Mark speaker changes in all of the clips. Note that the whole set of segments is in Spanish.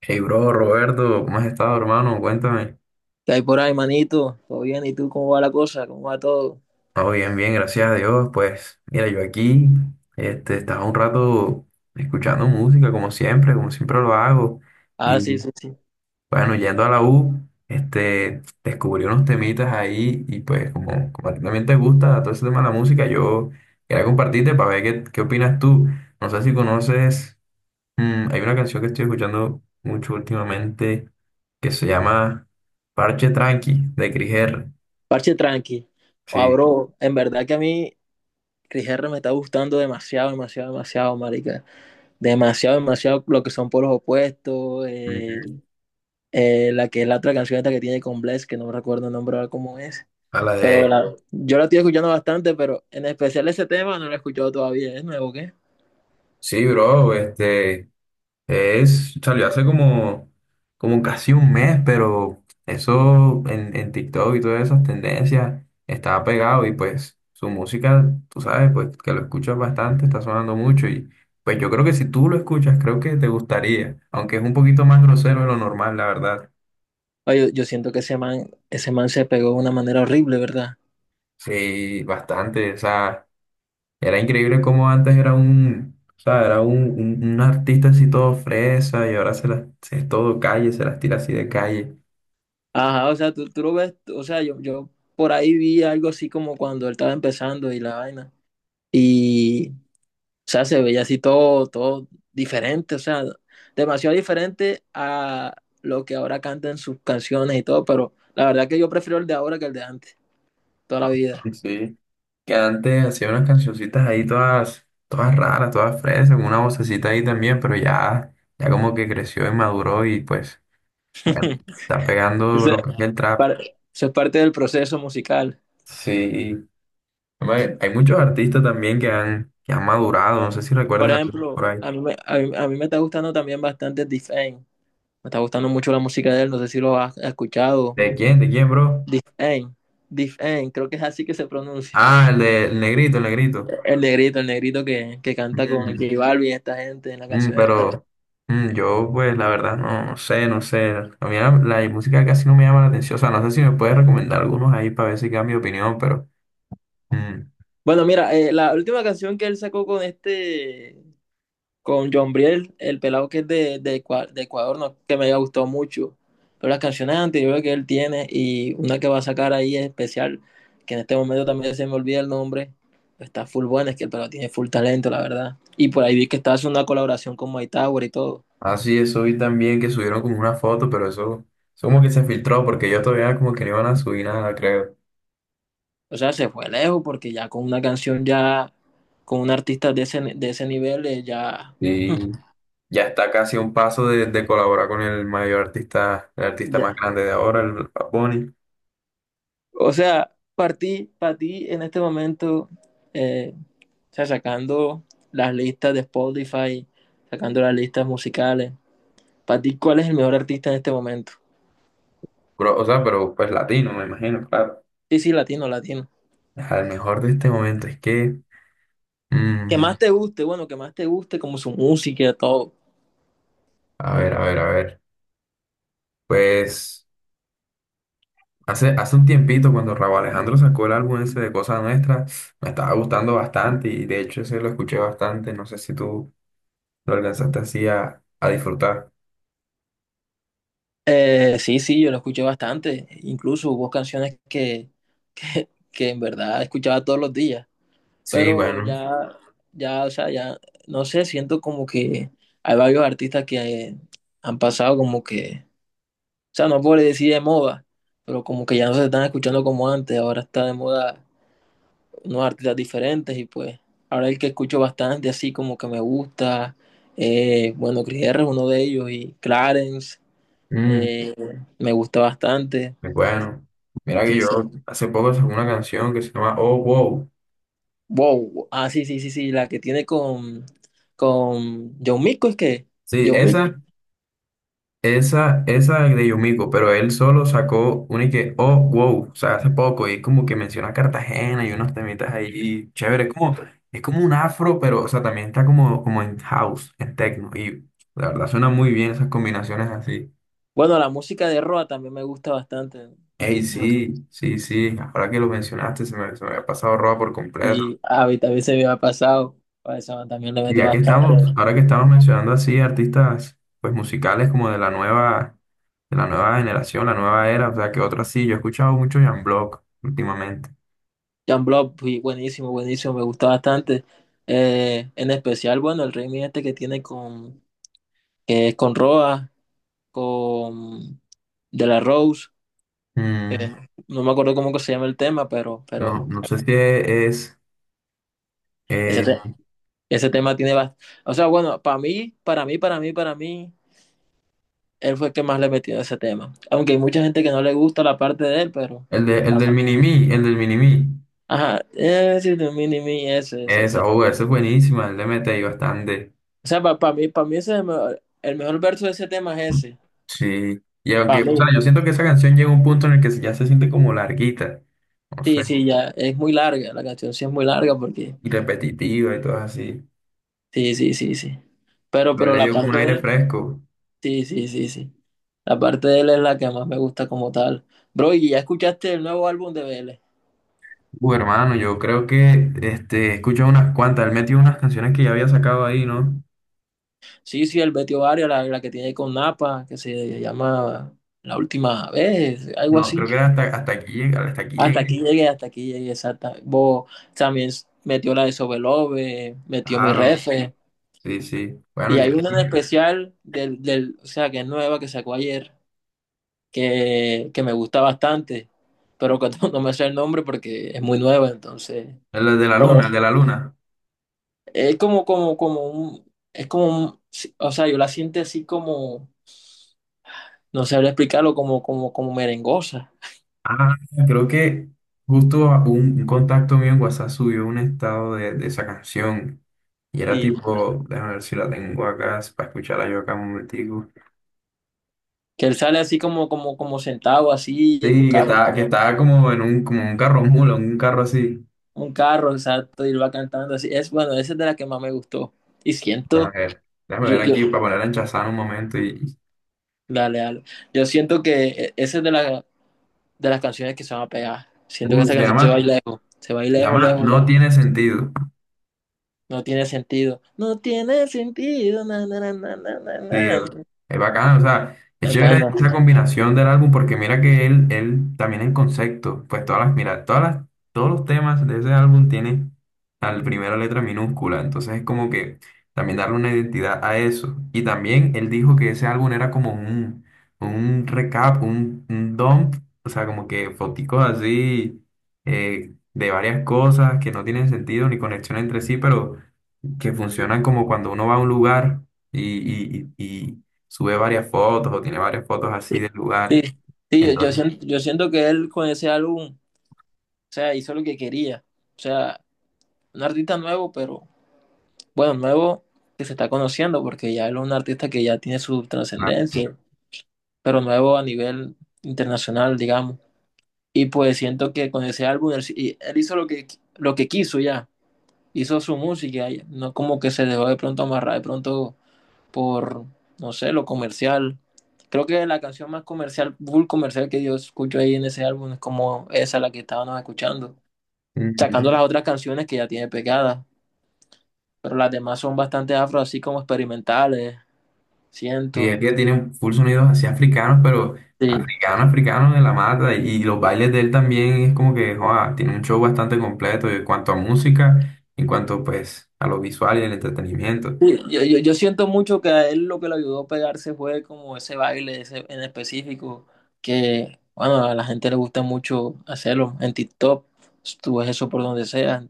Speaker 1: Hey, bro, Roberto, ¿cómo has estado, hermano? Cuéntame.
Speaker 2: ¿Qué hay por ahí, manito? ¿Todo bien? ¿Y tú cómo va la cosa? ¿Cómo va todo?
Speaker 1: Oh, bien, bien, gracias a Dios. Pues, mira, yo aquí, estaba un rato escuchando música, como siempre lo hago.
Speaker 2: Ah,
Speaker 1: Y
Speaker 2: sí, sí, sí.
Speaker 1: bueno, yendo a la U, descubrí unos temitas ahí y pues, como a ti también te gusta todo ese tema de la música, yo quería compartirte para ver qué opinas tú. No sé si conoces, hay una canción que estoy escuchando mucho últimamente que se llama Parche Tranqui, de Cris R.
Speaker 2: Parche tranqui. Ah,
Speaker 1: Sí,
Speaker 2: bro, en verdad que a mí Chris R me está gustando demasiado, demasiado, demasiado, marica. Demasiado, demasiado lo que son polos opuestos. eh,
Speaker 1: ujú.
Speaker 2: eh, la que es la otra canción esta que tiene con Bless, que no me recuerdo el nombre ahora cómo es.
Speaker 1: A la
Speaker 2: Pero
Speaker 1: de...
Speaker 2: yo la estoy escuchando bastante, pero en especial ese tema no lo he escuchado todavía. ¿Es nuevo, qué?
Speaker 1: Sí, bro, es, salió hace como, como casi un mes, pero eso en TikTok y todas esas tendencias estaba pegado y pues su música, tú sabes, pues que lo escuchas bastante, está sonando mucho y pues yo creo que si tú lo escuchas, creo que te gustaría, aunque es un poquito más grosero de lo normal, la verdad.
Speaker 2: Ay, yo siento que ese man se pegó de una manera horrible, ¿verdad?
Speaker 1: Sí, bastante, o sea... Era increíble cómo antes era un, o sea, era un artista así todo fresa y ahora se las, se es todo calle, se las tira así de calle.
Speaker 2: Ajá, o sea, tú lo ves, o sea, yo por ahí vi algo así como cuando él estaba empezando y la vaina. Y, o sea, se veía así todo, todo diferente, o sea, demasiado diferente a lo que ahora cantan sus canciones y todo, pero la verdad que yo prefiero el de ahora que el de antes, toda la vida.
Speaker 1: Sí, sí. Que antes hacía unas cancioncitas ahí todas, todas raras, todas fresas, con una vocecita ahí también, pero ya, ya como que creció y maduró y pues, bueno, está pegando
Speaker 2: Eso es
Speaker 1: lo que es el trap.
Speaker 2: par- parte del proceso musical.
Speaker 1: Sí. Hombre, hay muchos artistas también que han madurado, no sé si
Speaker 2: Por
Speaker 1: recuerdas alguno por
Speaker 2: ejemplo,
Speaker 1: ahí.
Speaker 2: a mí me está gustando también bastante Defane. Me está gustando mucho la música de él, no sé si lo has escuchado.
Speaker 1: ¿De quién? ¿De quién, bro?
Speaker 2: Dif'en, Dif'en, creo que es así que se pronuncia.
Speaker 1: Ah, el de el negrito, el negrito.
Speaker 2: El negrito que canta con
Speaker 1: Mm.
Speaker 2: J Balvin, y esta gente en la
Speaker 1: Mm,
Speaker 2: canción esta.
Speaker 1: pero yo, pues, la verdad, no sé, no sé. A mí la música casi no me llama la atención. O sea, no sé si me puedes recomendar algunos ahí para ver si cambio de opinión, pero... mm.
Speaker 2: Bueno, mira, la última canción que él sacó con con John Briel, el pelado que es de Ecuador, no, que me gustó mucho. Pero las canciones anteriores que él tiene y una que va a sacar ahí es especial, que en este momento también se me olvida el nombre, está full buena, es que el pelado tiene full talento, la verdad. Y por ahí vi que estaba haciendo una colaboración con Mike Tower y todo.
Speaker 1: Ah, sí, eso vi también que subieron como una foto, pero eso como que se filtró porque yo todavía como que no iban a subir nada, creo.
Speaker 2: O sea, se fue lejos porque ya con una canción ya, con un artista de ese nivel, ya,
Speaker 1: Y ya está casi a un paso de colaborar con el mayor artista, el artista
Speaker 2: ya.
Speaker 1: más grande de ahora, el Bad Bunny.
Speaker 2: O sea, para ti en este momento, o sea, sacando las listas de Spotify, sacando las listas musicales, para ti, ¿cuál es el mejor artista en este momento?
Speaker 1: Pero, o sea, pero pues latino, me imagino, claro.
Speaker 2: Sí, sí, latino, latino.
Speaker 1: Al mejor de este momento es que...
Speaker 2: Que
Speaker 1: mm,
Speaker 2: más te guste, bueno, que más te guste como su música, todo.
Speaker 1: a ver, a ver, a ver. Pues hace un tiempito cuando Rauw Alejandro sacó el álbum ese de Cosas Nuestras, me estaba gustando bastante y de hecho ese lo escuché bastante, no sé si tú lo alcanzaste así a disfrutar.
Speaker 2: Sí, sí, yo lo escuché bastante. Incluso hubo canciones que en verdad escuchaba todos los días.
Speaker 1: Sí,
Speaker 2: Pero
Speaker 1: bueno,
Speaker 2: ya, ya, o sea, ya, no sé, siento como que hay varios artistas que eh, han pasado como que, o sea, no puedo decir de moda, pero como que ya no se están escuchando como antes, ahora está de moda unos artistas diferentes y pues ahora el que escucho bastante así como que me gusta, bueno, Chris R es uno de ellos y Clarence
Speaker 1: mm,
Speaker 2: eh, me gusta bastante,
Speaker 1: pues bueno, mira que
Speaker 2: sí,
Speaker 1: yo
Speaker 2: sí.
Speaker 1: hace poco sacó una canción que se llama Oh Wow.
Speaker 2: Wow, ah, sí, sí, sí, sí, la que tiene con John Mico es que...
Speaker 1: Sí,
Speaker 2: John Mico.
Speaker 1: esa. Esa de Yumiko, pero él solo sacó una y que, oh, wow, o sea, hace poco, y como que menciona a Cartagena y unos temitas ahí, chévere, es como un afro, pero, o sea, también está como, como en house, en techno, y la verdad suena muy bien esas combinaciones así.
Speaker 2: Bueno, la música de Roa también me gusta bastante.
Speaker 1: Ey,
Speaker 2: No sé
Speaker 1: sí, sí, sí, ahora que lo mencionaste, se me había pasado roba por completo.
Speaker 2: si a mí también se me ha pasado. A esa también le
Speaker 1: Y
Speaker 2: mete
Speaker 1: ya que estamos,
Speaker 2: bastante.
Speaker 1: ahora que estamos mencionando así artistas, pues musicales como de la nueva generación, la nueva era, o sea, que otra sí. Yo he escuchado mucho Jan Block últimamente.
Speaker 2: Jan Block, pues, buenísimo, buenísimo, me gusta bastante. En especial, bueno, el remix este que tiene que es con Roa, con De La Rose.
Speaker 1: Mm,
Speaker 2: No me acuerdo cómo que se llama el tema,
Speaker 1: no,
Speaker 2: pero
Speaker 1: no sé si es
Speaker 2: ese,
Speaker 1: eh,
Speaker 2: te- ese tema tiene bastante. O sea, bueno, para mí, él fue el que más le metió a ese tema. Aunque hay mucha gente que no le gusta la parte de él, pero.
Speaker 1: el de, el del Minimi, el del Minimi.
Speaker 2: Ajá, ese si tú, mini, mi, ese ese eso.
Speaker 1: Esa, oh, esa es buenísima, él le mete ahí bastante.
Speaker 2: O sea, para mí ese es el mejor, verso de ese tema es ese.
Speaker 1: Sí, y aunque,
Speaker 2: Para
Speaker 1: o sea,
Speaker 2: mí.
Speaker 1: yo siento que esa canción llega a un punto en el que ya se siente como larguita, no sé,
Speaker 2: Sí, sí, ya. Es muy larga. La canción sí es muy larga porque.
Speaker 1: y repetitiva y todo así.
Speaker 2: Sí, sí, sí, sí. Pero,
Speaker 1: Pero él
Speaker 2: pero
Speaker 1: le
Speaker 2: la
Speaker 1: dio como un
Speaker 2: parte de
Speaker 1: aire
Speaker 2: él.
Speaker 1: fresco.
Speaker 2: Sí, sí, sí, sí. La parte de él es la que más me gusta como tal. Bro, ¿y ya escuchaste el nuevo álbum de Vélez?
Speaker 1: Hermano, yo creo que este, he escuchado unas cuantas, él metió unas canciones que ya había sacado ahí, ¿no?
Speaker 2: Sí, sí, el Betty Ovario, la que tiene con Napa, que se llama La Última Vez, algo
Speaker 1: No,
Speaker 2: así.
Speaker 1: creo que era hasta, hasta aquí llega, hasta aquí llegué.
Speaker 2: Hasta aquí llegué, exacta. Vos también metió la de Sobelobe, metió mi
Speaker 1: Claro,
Speaker 2: refe.
Speaker 1: sí, sí. Bueno,
Speaker 2: Y
Speaker 1: ya
Speaker 2: hay una en
Speaker 1: llegué.
Speaker 2: especial del, o sea, que es nueva, que sacó ayer, que me gusta bastante, pero que no, no me sé el nombre porque es muy nueva, entonces.
Speaker 1: El de la
Speaker 2: Pero
Speaker 1: luna, el de la luna.
Speaker 2: es como un, es como un, sí, o sea, yo la siento así como, no sabría explicarlo, como merengosa.
Speaker 1: Ah, creo que justo un contacto mío en WhatsApp subió un estado de esa canción. Y era
Speaker 2: Y
Speaker 1: tipo, déjame ver si la tengo acá, para escucharla yo acá un momentico.
Speaker 2: que él sale así como sentado así en un
Speaker 1: Sí,
Speaker 2: carro.
Speaker 1: que estaba como en un, como un carro mula, un carro así.
Speaker 2: Un carro, exacto, y él va cantando así. Es bueno, esa es de la que más me gustó. Y siento,
Speaker 1: Déjame
Speaker 2: yo,
Speaker 1: ver
Speaker 2: yo,
Speaker 1: aquí para ponerla en Shazam un momento. Y,
Speaker 2: dale, dale. Yo siento que esa es de la, de las canciones que se van a pegar. Siento que
Speaker 1: uh,
Speaker 2: esa
Speaker 1: se
Speaker 2: canción se va a ir
Speaker 1: llama,
Speaker 2: lejos, se va a ir
Speaker 1: se
Speaker 2: lejos,
Speaker 1: llama
Speaker 2: lejos,
Speaker 1: No
Speaker 2: lejos.
Speaker 1: tiene sentido.
Speaker 2: No tiene sentido. No tiene sentido. Na, na, na, na, na,
Speaker 1: Sí,
Speaker 2: na, na.
Speaker 1: es bacán, o sea, es chévere
Speaker 2: Bueno,
Speaker 1: esa combinación del álbum porque mira que él también en concepto, pues todas mira, todas las, todos los temas de ese álbum tienen la primera letra minúscula, entonces es como que también darle una identidad a eso. Y también él dijo que ese álbum era como un recap, un dump, o sea, como que foticos así de varias cosas que no tienen sentido ni conexión entre sí, pero que funcionan como cuando uno va a un lugar y, y sube varias fotos o tiene varias fotos así de lugares.
Speaker 2: sí, sí, yo, yo
Speaker 1: Entonces,
Speaker 2: siento, yo siento que él con ese álbum, o sea, hizo lo que quería. O sea, un artista nuevo, pero bueno, nuevo que se está conociendo, porque ya él es un artista que ya tiene su
Speaker 1: claro.
Speaker 2: trascendencia. Pero nuevo a nivel internacional, digamos. Y pues siento que con ese álbum él hizo lo que quiso ya, hizo su música, ya, no como que se dejó de pronto amarrar de pronto por, no sé, lo comercial. Creo que la canción más comercial, full comercial que yo escucho ahí en ese álbum es como esa la que estábamos escuchando, sacando
Speaker 1: Ujú.
Speaker 2: las otras canciones que ya tiene pegadas, pero las demás son bastante afro, así como experimentales,
Speaker 1: Y
Speaker 2: siento.
Speaker 1: es que tiene full sonidos así africanos, pero
Speaker 2: Sí.
Speaker 1: africanos, africanos de la mata. Y los bailes de él también es como que, joa, tiene un show bastante completo en cuanto a música, en cuanto pues a lo visual y el entretenimiento.
Speaker 2: Sí, yo siento mucho que a él lo que le ayudó a pegarse fue como ese baile ese en específico, que bueno, a la gente le gusta mucho hacerlo en TikTok, tú ves eso por donde sea.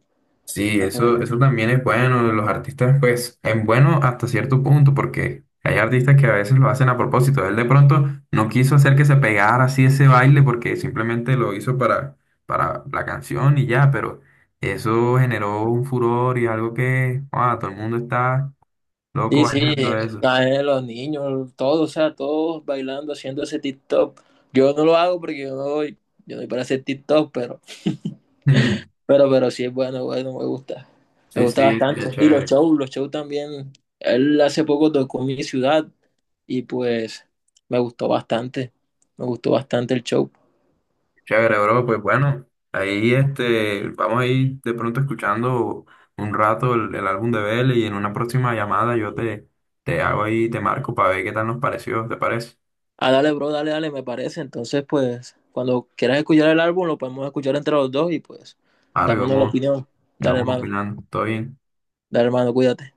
Speaker 1: Sí,
Speaker 2: Entonces,
Speaker 1: eso también es bueno. Los artistas, pues, es bueno hasta cierto punto, porque hay artistas que a veces lo hacen a propósito. Él de pronto no quiso hacer que se pegara así ese baile porque simplemente lo hizo para la canción y ya, pero eso generó un furor y algo que, wow, todo el mundo está loco
Speaker 2: sí, sí,
Speaker 1: bailando eso.
Speaker 2: a él, los niños, todos, o sea, todos bailando, haciendo ese TikTok. Yo no lo hago porque yo no doy para hacer TikTok, pero,
Speaker 1: Mm,
Speaker 2: pero, pero sí es bueno, bueno, me
Speaker 1: sí,
Speaker 2: gusta
Speaker 1: sí,
Speaker 2: bastante.
Speaker 1: sería
Speaker 2: Y los
Speaker 1: chévere.
Speaker 2: shows, los shows también, él hace poco tocó en mi ciudad y pues me gustó bastante, me gustó bastante el show.
Speaker 1: Chévere, bro, pues bueno, ahí este, vamos a ir de pronto escuchando un rato el álbum de Belle y en una próxima llamada yo te hago ahí, te marco para ver qué tal nos pareció, ¿te parece?
Speaker 2: Ah, dale, bro, dale, dale, me parece. Entonces, pues, cuando quieras escuchar el álbum, lo podemos escuchar entre los dos y pues,
Speaker 1: Ahora
Speaker 2: dámonos la
Speaker 1: vamos,
Speaker 2: opinión. Dale,
Speaker 1: vamos
Speaker 2: hermano,
Speaker 1: opinando, todo bien.
Speaker 2: dale, hermano, cuídate.